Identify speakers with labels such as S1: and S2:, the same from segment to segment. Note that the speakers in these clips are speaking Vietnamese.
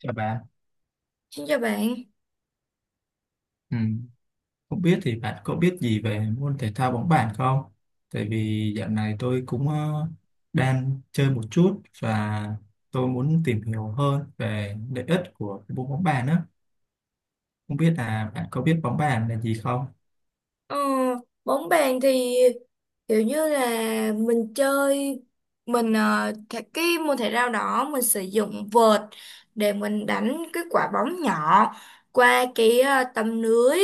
S1: Chào bạn,
S2: Xin chào bạn.
S1: ừ. Không biết thì bạn có biết gì về môn thể thao bóng bàn không? Tại vì dạo này tôi cũng đang chơi một chút và tôi muốn tìm hiểu hơn về lợi ích của cái môn bóng bàn á. Không biết là bạn có biết bóng bàn là gì không?
S2: Ờ, bóng bàn thì kiểu như là mình chơi, cái môn thể thao đó mình sử dụng vợt để mình đánh cái quả bóng nhỏ qua cái tấm lưới,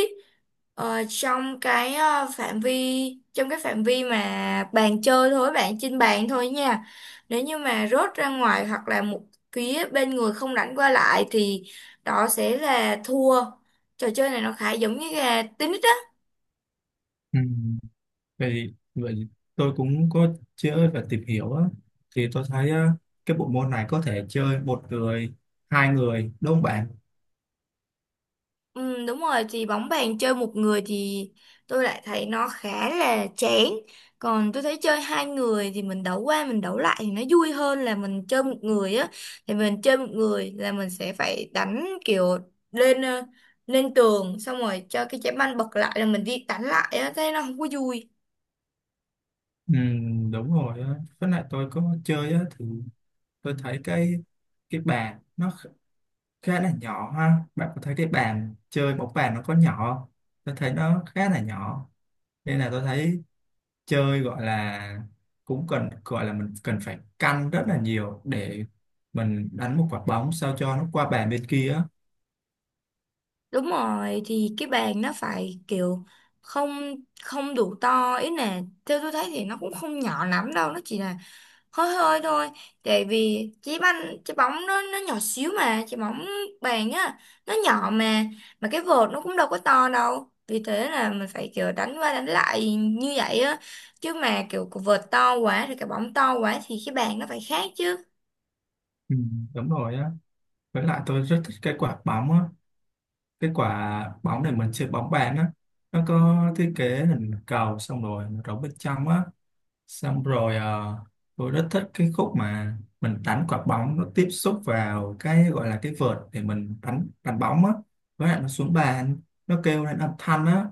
S2: trong cái phạm vi, trong cái phạm vi mà bàn chơi thôi bạn, trên bàn thôi nha. Nếu như mà rớt ra ngoài hoặc là một phía bên người không đánh qua lại thì đó sẽ là thua. Trò chơi này nó khá giống như là tennis.
S1: Ừ. Vậy, tôi cũng có chơi và tìm hiểu á. Thì tôi thấy cái bộ môn này có thể chơi một người, hai người, đúng không bạn?
S2: Ừ, đúng rồi, thì bóng bàn chơi một người thì tôi lại thấy nó khá là chán, còn tôi thấy chơi hai người thì mình đấu qua mình đấu lại thì nó vui hơn là mình chơi một người á. Thì mình chơi một người là mình sẽ phải đánh kiểu lên ờ, lên tường, xong rồi cho cái trái banh bật lại là mình đi đánh lại á, thế nó không có vui.
S1: Ừ, đúng rồi á. Với lại tôi có chơi á thì tôi thấy cái bàn nó khá là nhỏ ha, bạn có thấy cái bàn chơi bóng bàn nó có nhỏ không? Tôi thấy nó khá là nhỏ, nên là tôi thấy chơi gọi là cũng cần, gọi là mình cần phải căn rất là nhiều để mình đánh một quả bóng sao cho nó qua bàn bên kia á.
S2: Đúng rồi, thì cái bàn nó phải kiểu không, đủ to, ý là theo tôi thấy thì nó cũng không nhỏ lắm đâu, nó chỉ là hơi hơi thôi. Tại vì trái banh, trái bóng nó nhỏ xíu mà, trái bóng bàn á, nó nhỏ mà, cái vợt nó cũng đâu có to đâu, vì thế là mình phải kiểu đánh qua đánh lại như vậy á. Chứ mà kiểu cái vợt to quá thì cái bóng to quá thì cái bàn nó phải khác chứ.
S1: Ừ, đúng rồi á. Với lại tôi rất thích cái quả bóng á, cái quả bóng để mình chơi bóng bàn á, nó có thiết kế hình cầu xong rồi nó rỗng bên trong á. Xong rồi tôi rất thích cái khúc mà mình đánh quả bóng nó tiếp xúc vào cái gọi là cái vợt để mình đánh đánh bóng á, với lại nó xuống bàn nó kêu lên âm thanh á,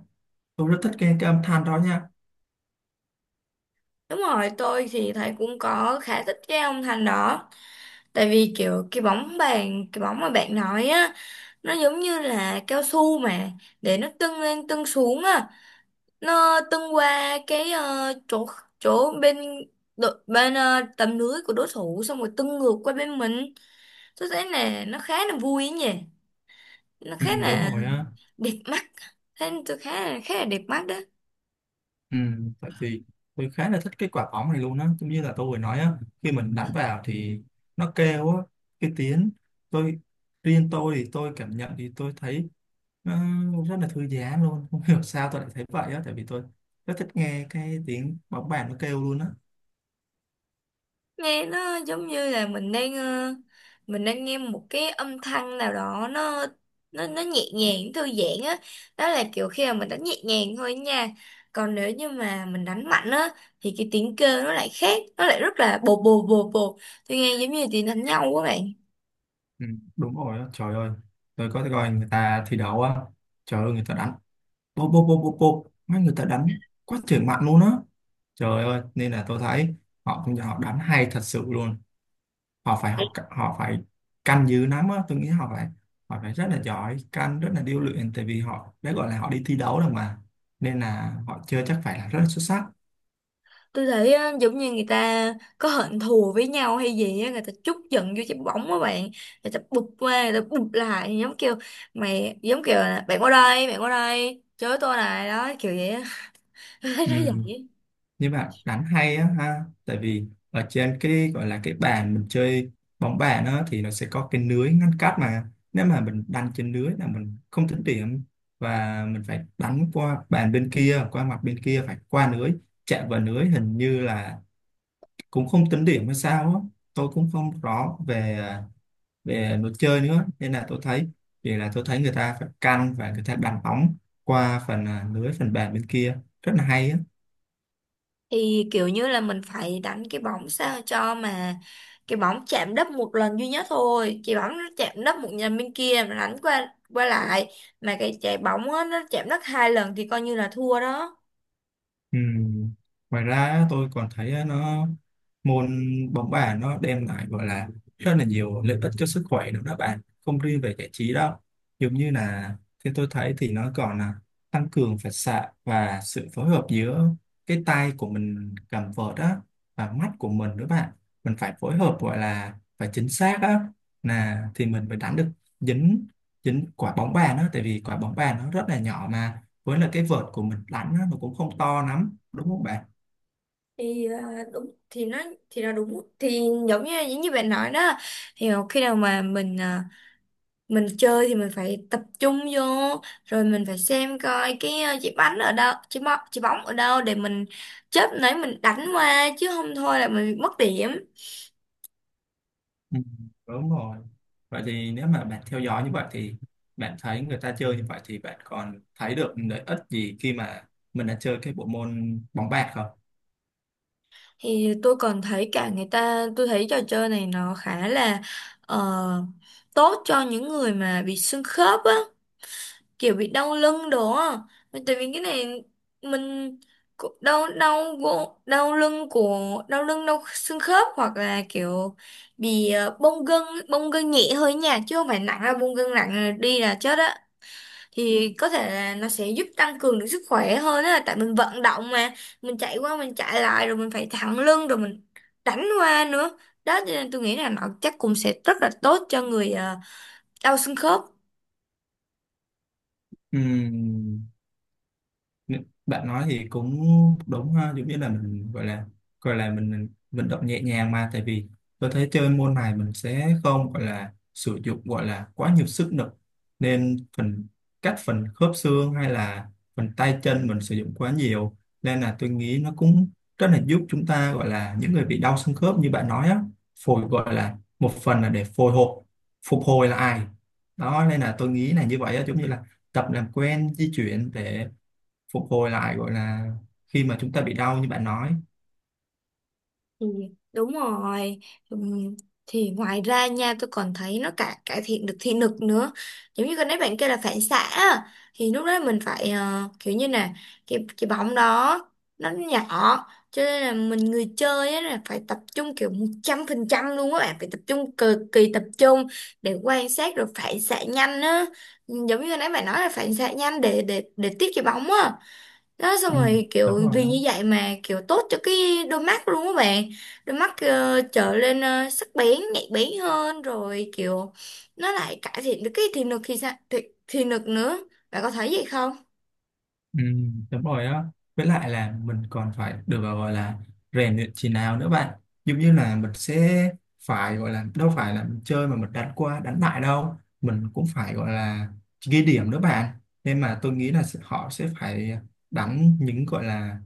S1: tôi rất thích nghe cái âm thanh đó nha.
S2: Đúng rồi, tôi thì thấy cũng có khá thích cái ông Thành đó. Tại vì kiểu cái bóng bàn, cái bóng mà bạn nói á, nó giống như là cao su mà, để nó tưng lên tưng xuống á. Nó tung qua cái chỗ chỗ bên đội- bên ờ, tầm lưới của đối thủ, xong rồi tung ngược qua bên mình. Tôi thấy là nó khá là vui ấy nhỉ, nó
S1: Ừ,
S2: khá là
S1: đúng rồi á.
S2: đẹp mắt. Thấy tôi khá là đẹp mắt đấy.
S1: Ừ, tại vì tôi khá là thích cái quả bóng này luôn á, giống như là tôi vừa nói á, khi mình đánh vào thì nó kêu á, cái tiếng, tôi riêng tôi thì tôi cảm nhận thì tôi thấy nó rất là thư giãn luôn, không hiểu sao tôi lại thấy vậy á, tại vì tôi rất thích nghe cái tiếng bóng bàn nó kêu luôn á.
S2: Nghe nó giống như là mình đang nghe một cái âm thanh nào đó, nó nhẹ nhàng thư giãn á. Đó là kiểu khi mà mình đánh nhẹ nhàng thôi nha, còn nếu như mà mình đánh mạnh á thì cái tiếng kêu nó lại khác, nó lại rất là bột bột bột bột, tôi nghe giống như tiếng đánh nhau quá bạn.
S1: Ừ, đúng rồi á. Trời ơi, tôi có coi người ta thi đấu á, trời ơi người ta đánh bô bô bô bô bô, mấy người ta đánh quá trời mạnh luôn á, trời ơi. Nên là tôi thấy họ cũng, họ đánh hay thật sự luôn, họ phải học, họ phải canh dữ lắm á. Tôi nghĩ họ phải, họ phải rất là giỏi canh, rất là điêu luyện, tại vì họ đã gọi là họ đi thi đấu rồi mà, nên là họ chơi chắc phải là rất là xuất sắc.
S2: Tôi thấy á, giống như người ta có hận thù với nhau hay gì á, người ta trút giận vô trái bóng á bạn. Người ta bụp qua, người ta bụp lại, giống kiểu mày, giống kiểu là bạn qua đây, bạn qua đây chới tôi này đó, kiểu vậy á. Tôi
S1: Ừ.
S2: thấy nó vậy.
S1: Nhưng mà đánh hay á ha, tại vì ở trên cái gọi là cái bàn mình chơi bóng bàn á thì nó sẽ có cái lưới ngăn cách mà, nếu mà mình đánh trên lưới là mình không tính điểm, và mình phải đánh qua bàn bên kia, qua mặt bên kia, phải qua lưới. Chạm vào lưới hình như là cũng không tính điểm hay sao á, tôi cũng không rõ về về luật chơi nữa, nên là tôi thấy, vì là tôi thấy người ta phải căn và người ta đánh bóng qua phần à, lưới phần bàn bên kia rất là hay á.
S2: Thì kiểu như là mình phải đánh cái bóng sao cho mà cái bóng chạm đất một lần duy nhất thôi, cái bóng nó chạm đất một lần bên kia mà đánh qua qua lại, mà cái trái bóng á, nó chạm đất hai lần thì coi như là thua đó.
S1: Ừ. Ngoài ra á, tôi còn thấy á, nó môn bóng bàn nó đem lại gọi là rất là nhiều lợi ích cho sức khỏe nữa đó bạn, không riêng về giải trí đâu. Giống như là theo tôi thấy thì nó còn là tăng cường phản xạ và sự phối hợp giữa cái tay của mình cầm vợt á, và mắt của mình nữa bạn. Mình phải phối hợp gọi là phải chính xác á, là thì mình mới đánh được dính, quả bóng bàn á, tại vì quả bóng bàn nó rất là nhỏ mà, với là cái vợt của mình đánh á, nó cũng không to lắm đúng không bạn?
S2: Thì à, đúng thì nó thì là Đúng thì giống như, bạn nói đó. Thì khi nào mà mình chơi thì mình phải tập trung vô, rồi mình phải xem coi cái trái bánh ở đâu, trái bóng ở đâu để mình chớp nấy mình đánh qua, chứ không thôi là mình bị mất điểm.
S1: Ừ, đúng rồi. Vậy thì nếu mà bạn theo dõi như vậy thì bạn thấy người ta chơi như vậy thì bạn còn thấy được lợi ích gì khi mà mình đã chơi cái bộ môn bóng bàn không?
S2: Thì tôi còn thấy cả người ta, tôi thấy trò chơi này nó khá là ờ, tốt cho những người mà bị xương khớp á, kiểu bị đau lưng đó. Tại vì cái này mình cũng đau, đau gỗ- đau lưng của đau lưng, đau xương khớp, hoặc là kiểu bị bong gân, bong gân nhẹ hơi nha, chứ không phải nặng, là bong gân nặng là đi là chết á. Thì có thể là nó sẽ giúp tăng cường được sức khỏe hơn á, tại mình vận động mà, mình chạy qua mình chạy lại rồi mình phải thẳng lưng rồi mình đánh qua nữa. Đó cho nên tôi nghĩ là nó chắc cũng sẽ rất là tốt cho người đau xương khớp.
S1: Ừm, bạn nói thì cũng đúng ha, giống như là mình gọi là, gọi là mình vận động nhẹ nhàng mà. Tại vì tôi thấy chơi môn này mình sẽ không gọi là sử dụng gọi là quá nhiều sức lực, nên phần các phần khớp xương hay là phần tay chân mình sử dụng quá nhiều, nên là tôi nghĩ nó cũng rất là giúp chúng ta, gọi là những người bị đau xương khớp như bạn nói á, phổi gọi là một phần là để phhồi hộp, phục hồi lại đó. Nên là tôi nghĩ là như vậy á, giống như là tập làm quen di chuyển để phục hồi lại gọi là khi mà chúng ta bị đau như bạn nói.
S2: Ừ, đúng rồi. Ừm, thì ngoài ra nha, tôi còn thấy nó cả cải thiện được thị lực nữa. Giống như cái nãy bạn kêu là phản xạ á, thì lúc đó mình phải kiểu như là cái bóng đó nó nhỏ, cho nên là mình, người chơi á, là phải tập trung kiểu 100% luôn á bạn, phải tập trung cực kỳ tập trung để quan sát rồi phản xạ nhanh á. Ừ, giống như nãy bạn nói là phản xạ nhanh để tiếp cái bóng á. Đó, xong
S1: Ừ,
S2: rồi
S1: đúng
S2: kiểu
S1: rồi
S2: vì
S1: đó.
S2: như vậy mà kiểu tốt cho cái đôi mắt luôn các bạn. Đôi mắt trở lên sắc bén, nhạy bén hơn, rồi kiểu nó lại cải thiện được cái thị lực. Thì sao, thị lực nữa, bạn có thấy vậy không?
S1: Ừ, đúng rồi đó. Với lại là mình còn phải được gọi là rèn luyện chỉ nào nữa bạn, giống như là mình sẽ phải gọi là, đâu phải là mình chơi mà mình đánh qua đánh lại đâu, mình cũng phải gọi là ghi điểm nữa bạn. Nên mà tôi nghĩ là sẽ- họ sẽ phải đánh những gọi là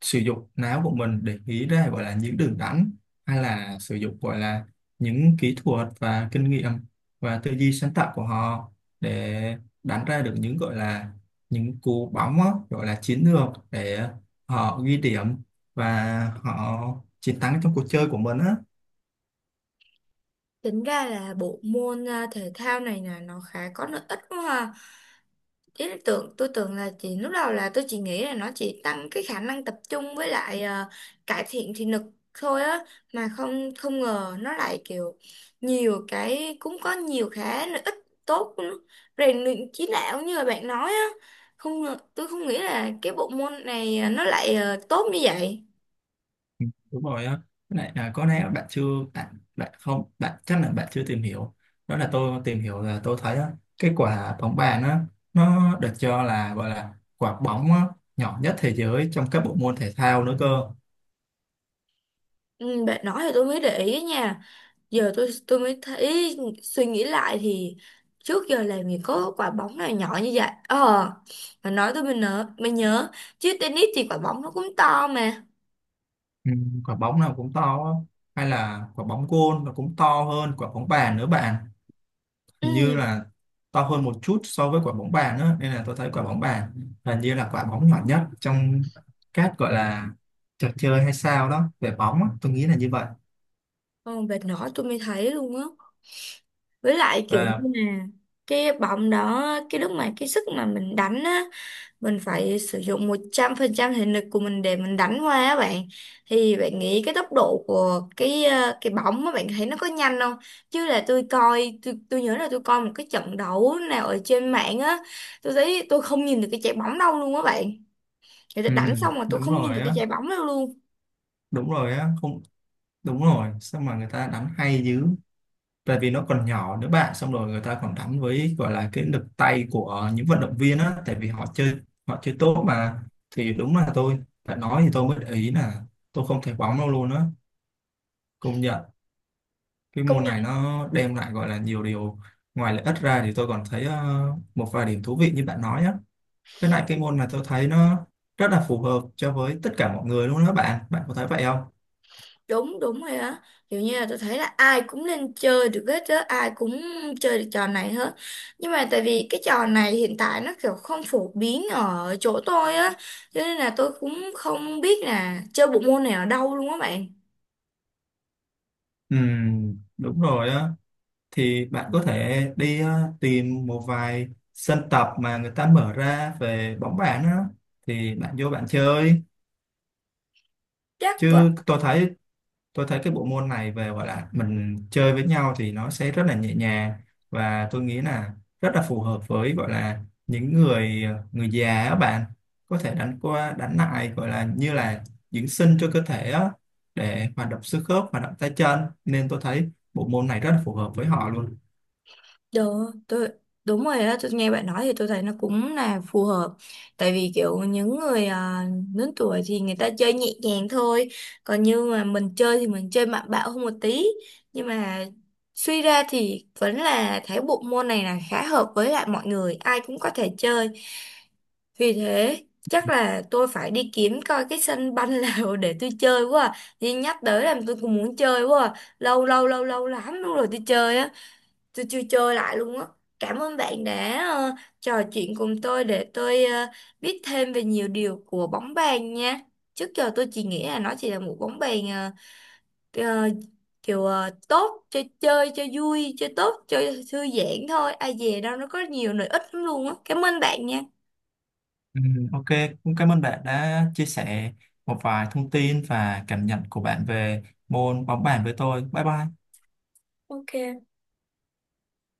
S1: sử dụng não của mình để nghĩ ra gọi là những đường đắn, hay là sử dụng gọi là những kỹ thuật và kinh nghiệm và tư duy sáng tạo của họ để đánh ra được những gọi là những cú bóng á, gọi là chiến lược để họ ghi điểm và họ chiến thắng trong cuộc chơi của mình á.
S2: Tính ra là bộ môn thể thao này là nó khá có lợi ích quá ha. Ý là tưởng, tôi tưởng là chỉ lúc đầu, là tôi chỉ nghĩ là nó chỉ tăng cái khả năng tập trung với lại cải thiện thị lực thôi á, mà không không ngờ nó lại kiểu nhiều cái, cũng có nhiều cái lợi ích tốt của nó. Rèn luyện trí não như là bạn nói á. Không ngờ- Tôi không nghĩ là cái bộ môn này nó lại tốt như vậy.
S1: Ừ, đúng rồi á. Với lại à, có lẽ bạn chưa, bạn bạn không, bạn chắc là bạn chưa tìm hiểu. Đó là tôi tìm hiểu là tôi thấy á, cái quả bóng bàn á nó được cho là gọi là quả bóng á, nhỏ nhất thế giới trong các bộ môn thể thao nữa cơ.
S2: Ừ, bạn nói thì tôi mới để ý nha. Giờ tôi mới thấy, suy nghĩ lại thì trước giờ làm gì có quả bóng nào nhỏ như vậy. Ờ mà nói tôi mới nhớ, chứ tennis thì quả bóng nó cũng to mà.
S1: Ừ, quả bóng nào cũng to á. Hay là quả bóng gôn nó cũng to hơn quả bóng bàn nữa bạn, hình như
S2: Ừ.
S1: là to hơn một chút so với quả bóng bàn á. Nên là tôi thấy quả bóng bàn hình như là quả bóng nhỏ nhất trong các gọi là trò chơi hay sao đó về bóng á. Tôi nghĩ là như vậy.
S2: Còn vệt nỏ tôi mới thấy luôn á. Với lại kiểu
S1: Và
S2: như là cái bóng đó, cái lúc mà cái sức mà mình đánh á, mình phải sử dụng 100% thể lực của mình để mình đánh qua á bạn. Thì bạn nghĩ cái tốc độ của cái bóng á, bạn thấy nó có nhanh không? Chứ là tôi nhớ là tôi coi một cái trận đấu nào ở trên mạng á, tôi thấy tôi không nhìn được cái trái bóng đâu luôn á bạn. Người ta
S1: ừ,
S2: đánh xong mà tôi
S1: đúng
S2: không nhìn
S1: rồi
S2: được cái
S1: á,
S2: trái bóng đâu luôn.
S1: đúng rồi á, không, đúng rồi, sao mà người ta đánh hay dữ, tại vì nó còn nhỏ nữa bạn, xong rồi người ta còn đánh với gọi là cái lực tay của những vận động viên á, tại vì họ chơi, họ chơi tốt mà. Thì đúng là tôi đã nói thì tôi mới để ý là tôi không thấy bóng đâu luôn á, công nhận cái môn này
S2: công
S1: nó đem lại gọi là nhiều điều. Ngoài lợi ích ra thì tôi còn thấy một vài điểm thú vị như bạn nói nhé. Với lại cái môn này tôi thấy nó rất là phù hợp cho với tất cả mọi người luôn đó bạn, bạn có thấy vậy không?
S2: đúng đúng rồi á. Kiểu như là tôi thấy là ai cũng nên chơi được hết á, ai cũng chơi được trò này hết. Nhưng mà tại vì cái trò này hiện tại nó kiểu không phổ biến ở chỗ tôi á, cho nên là tôi cũng không biết là chơi bộ môn này ở đâu luôn á bạn.
S1: Đúng rồi á. Thì bạn có thể đi tìm một vài sân tập mà người ta mở ra về bóng bàn á, thì bạn vô bạn chơi.
S2: Chắc vậy.
S1: Chứ tôi thấy, tôi thấy cái bộ môn này về gọi là mình chơi với nhau thì nó sẽ rất là nhẹ nhàng, và tôi nghĩ là rất là phù hợp với gọi là những người, người già á bạn, có thể đánh qua đánh lại gọi là như là dưỡng sinh cho cơ thể á, để hoạt động xương khớp, hoạt động tay chân. Nên tôi thấy bộ môn này rất là phù hợp với họ luôn.
S2: Đúng, đúng rồi á, tôi nghe bạn nói thì tôi thấy nó cũng là phù hợp. Tại vì kiểu những người lớn tuổi thì người ta chơi nhẹ nhàng thôi, còn như mà mình chơi thì mình chơi mạnh bạo hơn một tí. Nhưng mà suy ra thì vẫn là thấy bộ môn này là khá hợp với lại mọi người, ai cũng có thể chơi. Vì thế chắc là tôi phải đi kiếm coi cái sân banh nào để tôi chơi quá. Đi nhắc tới làm tôi cũng muốn chơi quá. Lâu lâu lắm luôn rồi tôi chơi á, tôi chưa chơi lại luôn á. Cảm ơn bạn đã trò chuyện cùng tôi để tôi biết thêm về nhiều điều của bóng bàn nha. Trước giờ tôi chỉ nghĩ là nó chỉ là một bóng bàn, ờ, kiểu tốt, chơi, cho vui, chơi tốt, chơi thư giãn thôi, ai dè đâu nó có nhiều lợi ích lắm luôn á, cảm ơn bạn nha.
S1: Ừ, ok, cũng cảm ơn bạn đã chia sẻ một vài thông tin và cảm nhận của bạn về môn bóng bàn với tôi. Bye bye.
S2: Ok.